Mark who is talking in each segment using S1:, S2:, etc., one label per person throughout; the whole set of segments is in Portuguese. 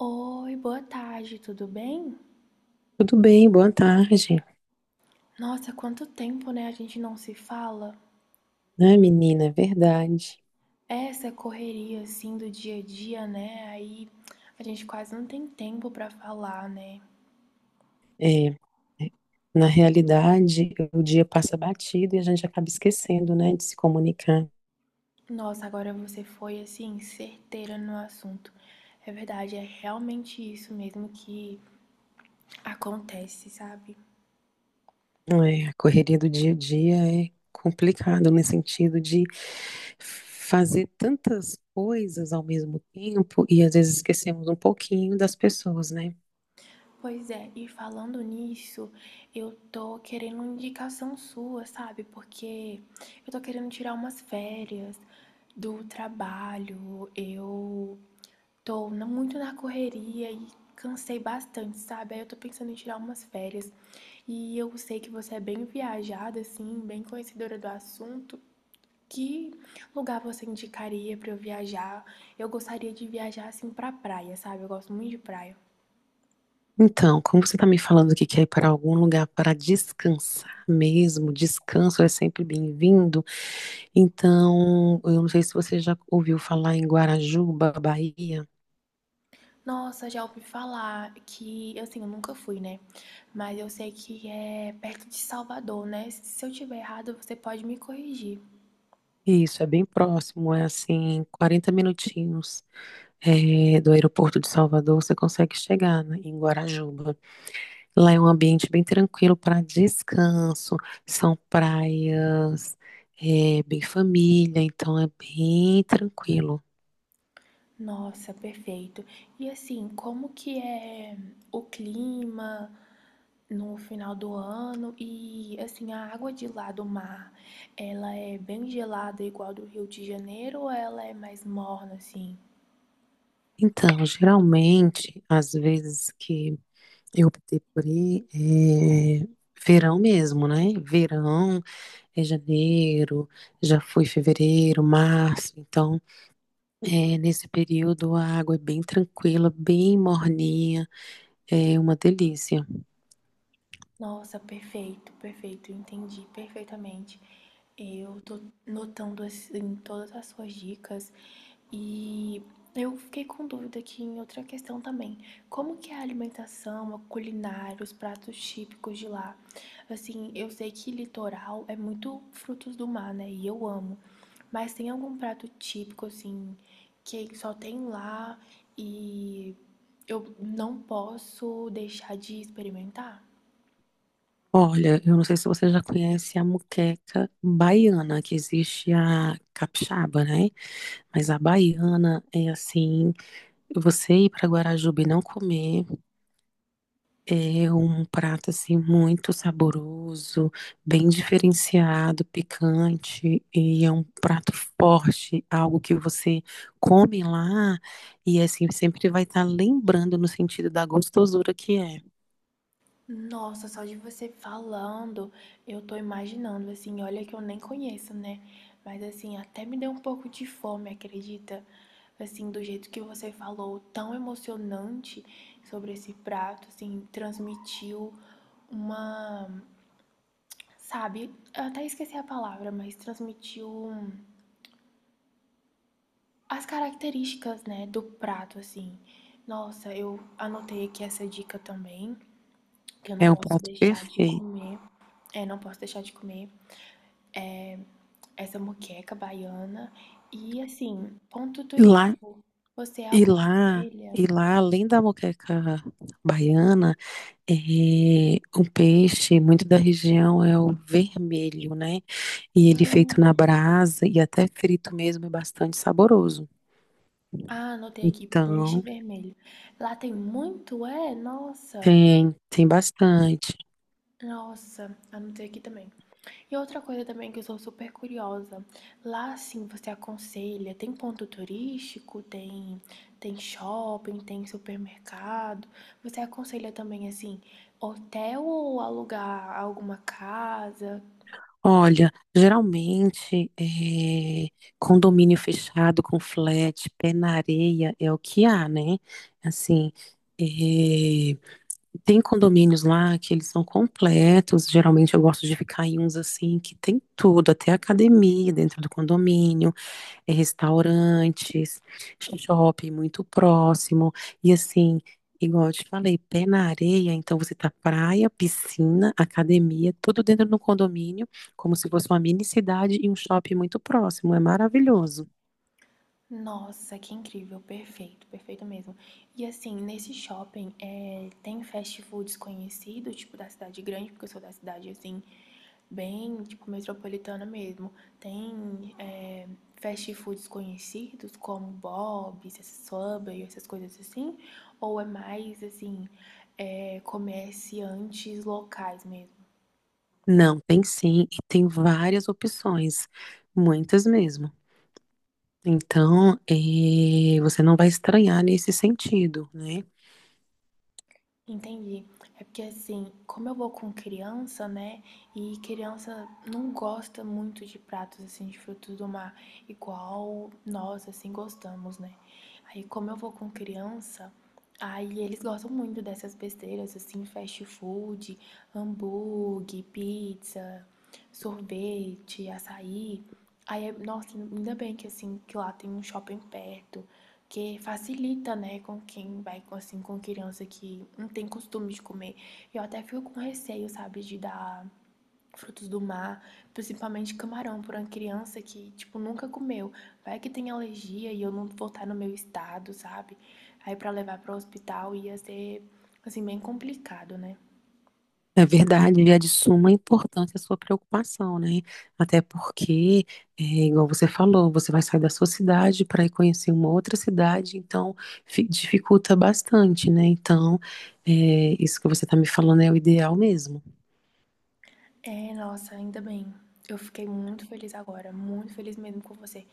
S1: Oi, boa tarde, tudo bem?
S2: Tudo bem, boa tarde,
S1: Nossa, quanto tempo, né? A gente não se fala.
S2: né, menina? É verdade.
S1: Essa correria assim do dia a dia, né? Aí a gente quase não tem tempo pra falar, né?
S2: É, é, Na realidade, o dia passa batido e a gente acaba esquecendo, né, de se comunicar.
S1: Nossa, agora você foi assim certeira no assunto. É verdade, é realmente isso mesmo que acontece, sabe?
S2: É, a correria do dia a dia é complicado no sentido de fazer tantas coisas ao mesmo tempo e às vezes esquecemos um pouquinho das pessoas, né?
S1: Pois é, e falando nisso, eu tô querendo uma indicação sua, sabe? Porque eu tô querendo tirar umas férias do trabalho, eu muito na correria e cansei bastante, sabe? Aí eu tô pensando em tirar umas férias. E eu sei que você é bem viajada, assim, bem conhecedora do assunto. Que lugar você indicaria pra eu viajar? Eu gostaria de viajar assim pra praia, sabe? Eu gosto muito de praia.
S2: Então, como você está me falando que quer ir para algum lugar para descansar mesmo, descanso é sempre bem-vindo. Então, eu não sei se você já ouviu falar em Guarajuba, Bahia.
S1: Nossa, já ouvi falar que, assim, eu nunca fui, né? Mas eu sei que é perto de Salvador, né? Se eu tiver errado, você pode me corrigir.
S2: Isso, é bem próximo, é assim, 40 minutinhos do aeroporto de Salvador, você consegue chegar, né, em Guarajuba. Lá é um ambiente bem tranquilo para descanso, são praias, é bem família, então é bem tranquilo.
S1: Nossa, perfeito. E assim, como que é o clima no final do ano? E assim, a água de lá do mar, ela é bem gelada igual do Rio de Janeiro ou ela é mais morna assim?
S2: Então, geralmente, às vezes que eu optei por ir, é verão mesmo, né? Verão. É janeiro, já foi fevereiro, março. Então, é, nesse período a água é bem tranquila, bem morninha, é uma delícia.
S1: Nossa, perfeito, perfeito, entendi perfeitamente. Eu tô notando assim todas as suas dicas e eu fiquei com dúvida aqui em outra questão também. Como que é a alimentação, a culinária, os pratos típicos de lá? Assim, eu sei que litoral é muito frutos do mar, né? E eu amo. Mas tem algum prato típico assim que só tem lá e eu não posso deixar de experimentar?
S2: Olha, eu não sei se você já conhece a muqueca baiana, que existe a capixaba, né? Mas a baiana é assim, você ir para Guarajuba e não comer. É um prato assim muito saboroso, bem diferenciado, picante e é um prato forte, algo que você come lá e assim sempre vai estar lembrando no sentido da gostosura que é.
S1: Nossa, só de você falando, eu tô imaginando, assim, olha que eu nem conheço, né? Mas assim, até me deu um pouco de fome, acredita? Assim, do jeito que você falou, tão emocionante sobre esse prato, assim, transmitiu uma, sabe, eu até esqueci a palavra, mas as características, né, do prato, assim. Nossa, eu anotei aqui essa dica também, que eu não
S2: É um
S1: posso
S2: prato
S1: deixar de
S2: perfeito.
S1: comer. É, não posso deixar de comer essa moqueca baiana. E assim, ponto
S2: E lá
S1: turístico. Você
S2: e lá
S1: aconselha?
S2: e lá além da moqueca baiana, é um peixe muito da região é o vermelho, né? E ele feito
S1: Hum,
S2: na brasa e até frito mesmo é bastante saboroso.
S1: ah, anotei aqui, peixe
S2: Então,
S1: vermelho. Lá tem muito, é? Nossa,
S2: tem bastante.
S1: nossa, anotei aqui também. E outra coisa também que eu sou super curiosa. Lá sim, você aconselha? Tem ponto turístico? Tem, tem shopping? Tem supermercado? Você aconselha também assim, hotel ou alugar alguma casa?
S2: Olha, geralmente é, condomínio fechado com flat, pé na areia é o que há, né? Assim, é, tem condomínios lá que eles são completos. Geralmente eu gosto de ficar em uns assim que tem tudo, até academia dentro do condomínio. É, restaurantes, shopping muito próximo. E assim, igual eu te falei, pé na areia, então você tá praia, piscina, academia, tudo dentro do condomínio, como se fosse uma mini cidade e um shopping muito próximo. É maravilhoso.
S1: Nossa, que incrível, perfeito, perfeito mesmo. E assim, nesse shopping, tem fast foods conhecidos, tipo da cidade grande, porque eu sou da cidade assim, bem, tipo, metropolitana mesmo. Tem fast foods conhecidos como Bob's, Subway, essas coisas assim? Ou é mais assim, comerciantes locais mesmo?
S2: Não, tem sim, e tem várias opções, muitas mesmo. Então, você não vai estranhar nesse sentido, né?
S1: Entendi. É porque assim, como eu vou com criança, né? E criança não gosta muito de pratos assim de frutos do mar, igual nós assim gostamos, né? Aí como eu vou com criança, aí eles gostam muito dessas besteiras assim, fast food, hambúrguer, pizza, sorvete, açaí. Aí, nossa, ainda bem que assim, que lá tem um shopping perto. Que facilita, né, com quem vai, com, assim, com criança que não tem costume de comer. Eu até fico com receio, sabe, de dar frutos do mar, principalmente camarão, para uma criança que, tipo, nunca comeu. Vai que tem alergia e eu não voltar no meu estado, sabe? Aí para levar para o hospital ia ser, assim, bem complicado, né?
S2: É verdade, e é de suma importância a sua preocupação, né? Até porque, é, igual você falou, você vai sair da sua cidade para ir conhecer uma outra cidade, então dificulta bastante, né? Então, é, isso que você está me falando é o ideal mesmo.
S1: É, nossa, ainda bem. Eu fiquei muito feliz agora, muito feliz mesmo com você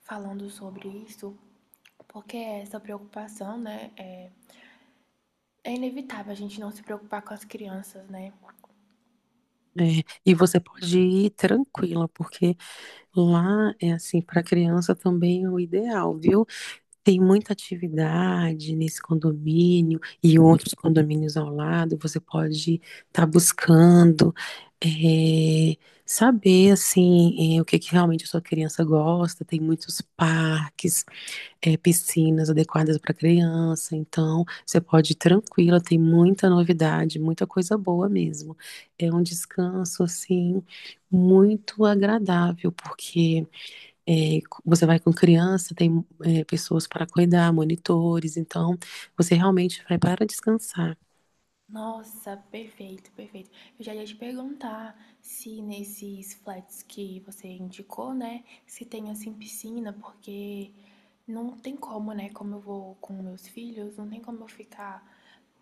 S1: falando sobre isso, porque essa preocupação, né, é, é inevitável a gente não se preocupar com as crianças, né?
S2: É, e você pode ir tranquila, porque lá é assim, para criança também é o ideal, viu? Tem muita atividade nesse condomínio e outros condomínios ao lado. Você pode estar buscando eh, saber assim o que, que realmente a sua criança gosta. Tem muitos parques, piscinas adequadas para criança. Então, você pode ir tranquila. Tem muita novidade, muita coisa boa mesmo. É um descanso assim muito agradável porque é, você vai com criança, tem é, pessoas para cuidar, monitores, então você realmente vai para descansar.
S1: Nossa, perfeito, perfeito. Eu já ia te perguntar se nesses flats que você indicou, né, se tem assim piscina, porque não tem como, né? Como eu vou com meus filhos, não tem como eu ficar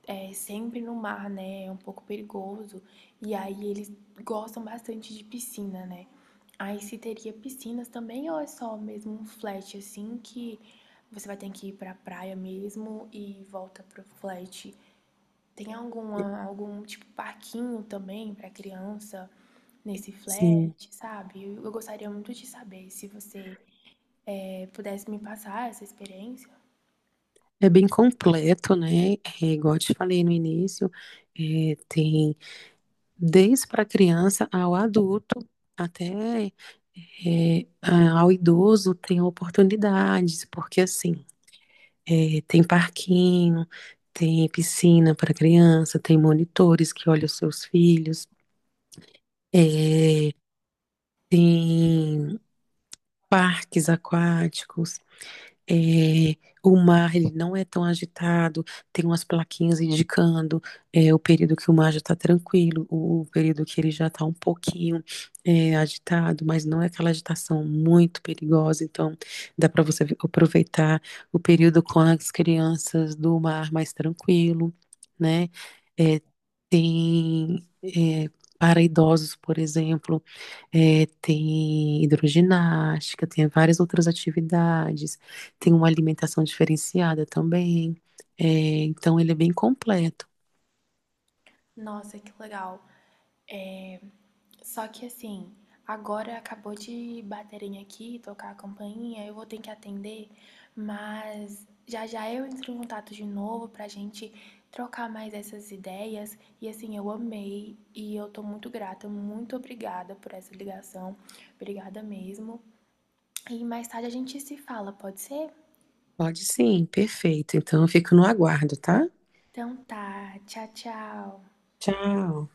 S1: é sempre no mar, né? É um pouco perigoso. E aí eles gostam bastante de piscina, né? Aí se teria piscinas também ou é só mesmo um flat assim que você vai ter que ir pra praia mesmo e volta pro flat? Tem alguma, algum tipo parquinho também pra criança nesse flat,
S2: Sim,
S1: sabe? Eu gostaria muito de saber se você pudesse me passar essa experiência.
S2: é bem completo, né? É, igual eu te falei no início, é, tem desde para criança ao adulto, até é, ao idoso tem oportunidades, porque assim, é, tem parquinho, tem piscina para criança, tem monitores que olham os seus filhos, é, tem parques aquáticos. É, o mar ele não é tão agitado, tem umas plaquinhas indicando é, o período que o mar já está tranquilo, o período que ele já está um pouquinho é, agitado, mas não é aquela agitação muito perigosa. Então, dá para você aproveitar o período com as crianças do mar mais tranquilo, né? É, tem é, para idosos, por exemplo, é, tem hidroginástica, tem várias outras atividades tem uma alimentação diferenciada também. É, então ele é bem completo.
S1: Nossa, que legal. É, só que assim, agora acabou de baterem aqui, tocar a campainha, eu vou ter que atender, mas já já eu entro em contato de novo pra gente trocar mais essas ideias. E assim, eu amei e eu tô muito grata, muito obrigada por essa ligação. Obrigada mesmo. E mais tarde a gente se fala, pode ser?
S2: Pode sim, perfeito. Então eu fico no aguardo, tá?
S1: Então tá, tchau, tchau.
S2: Tchau.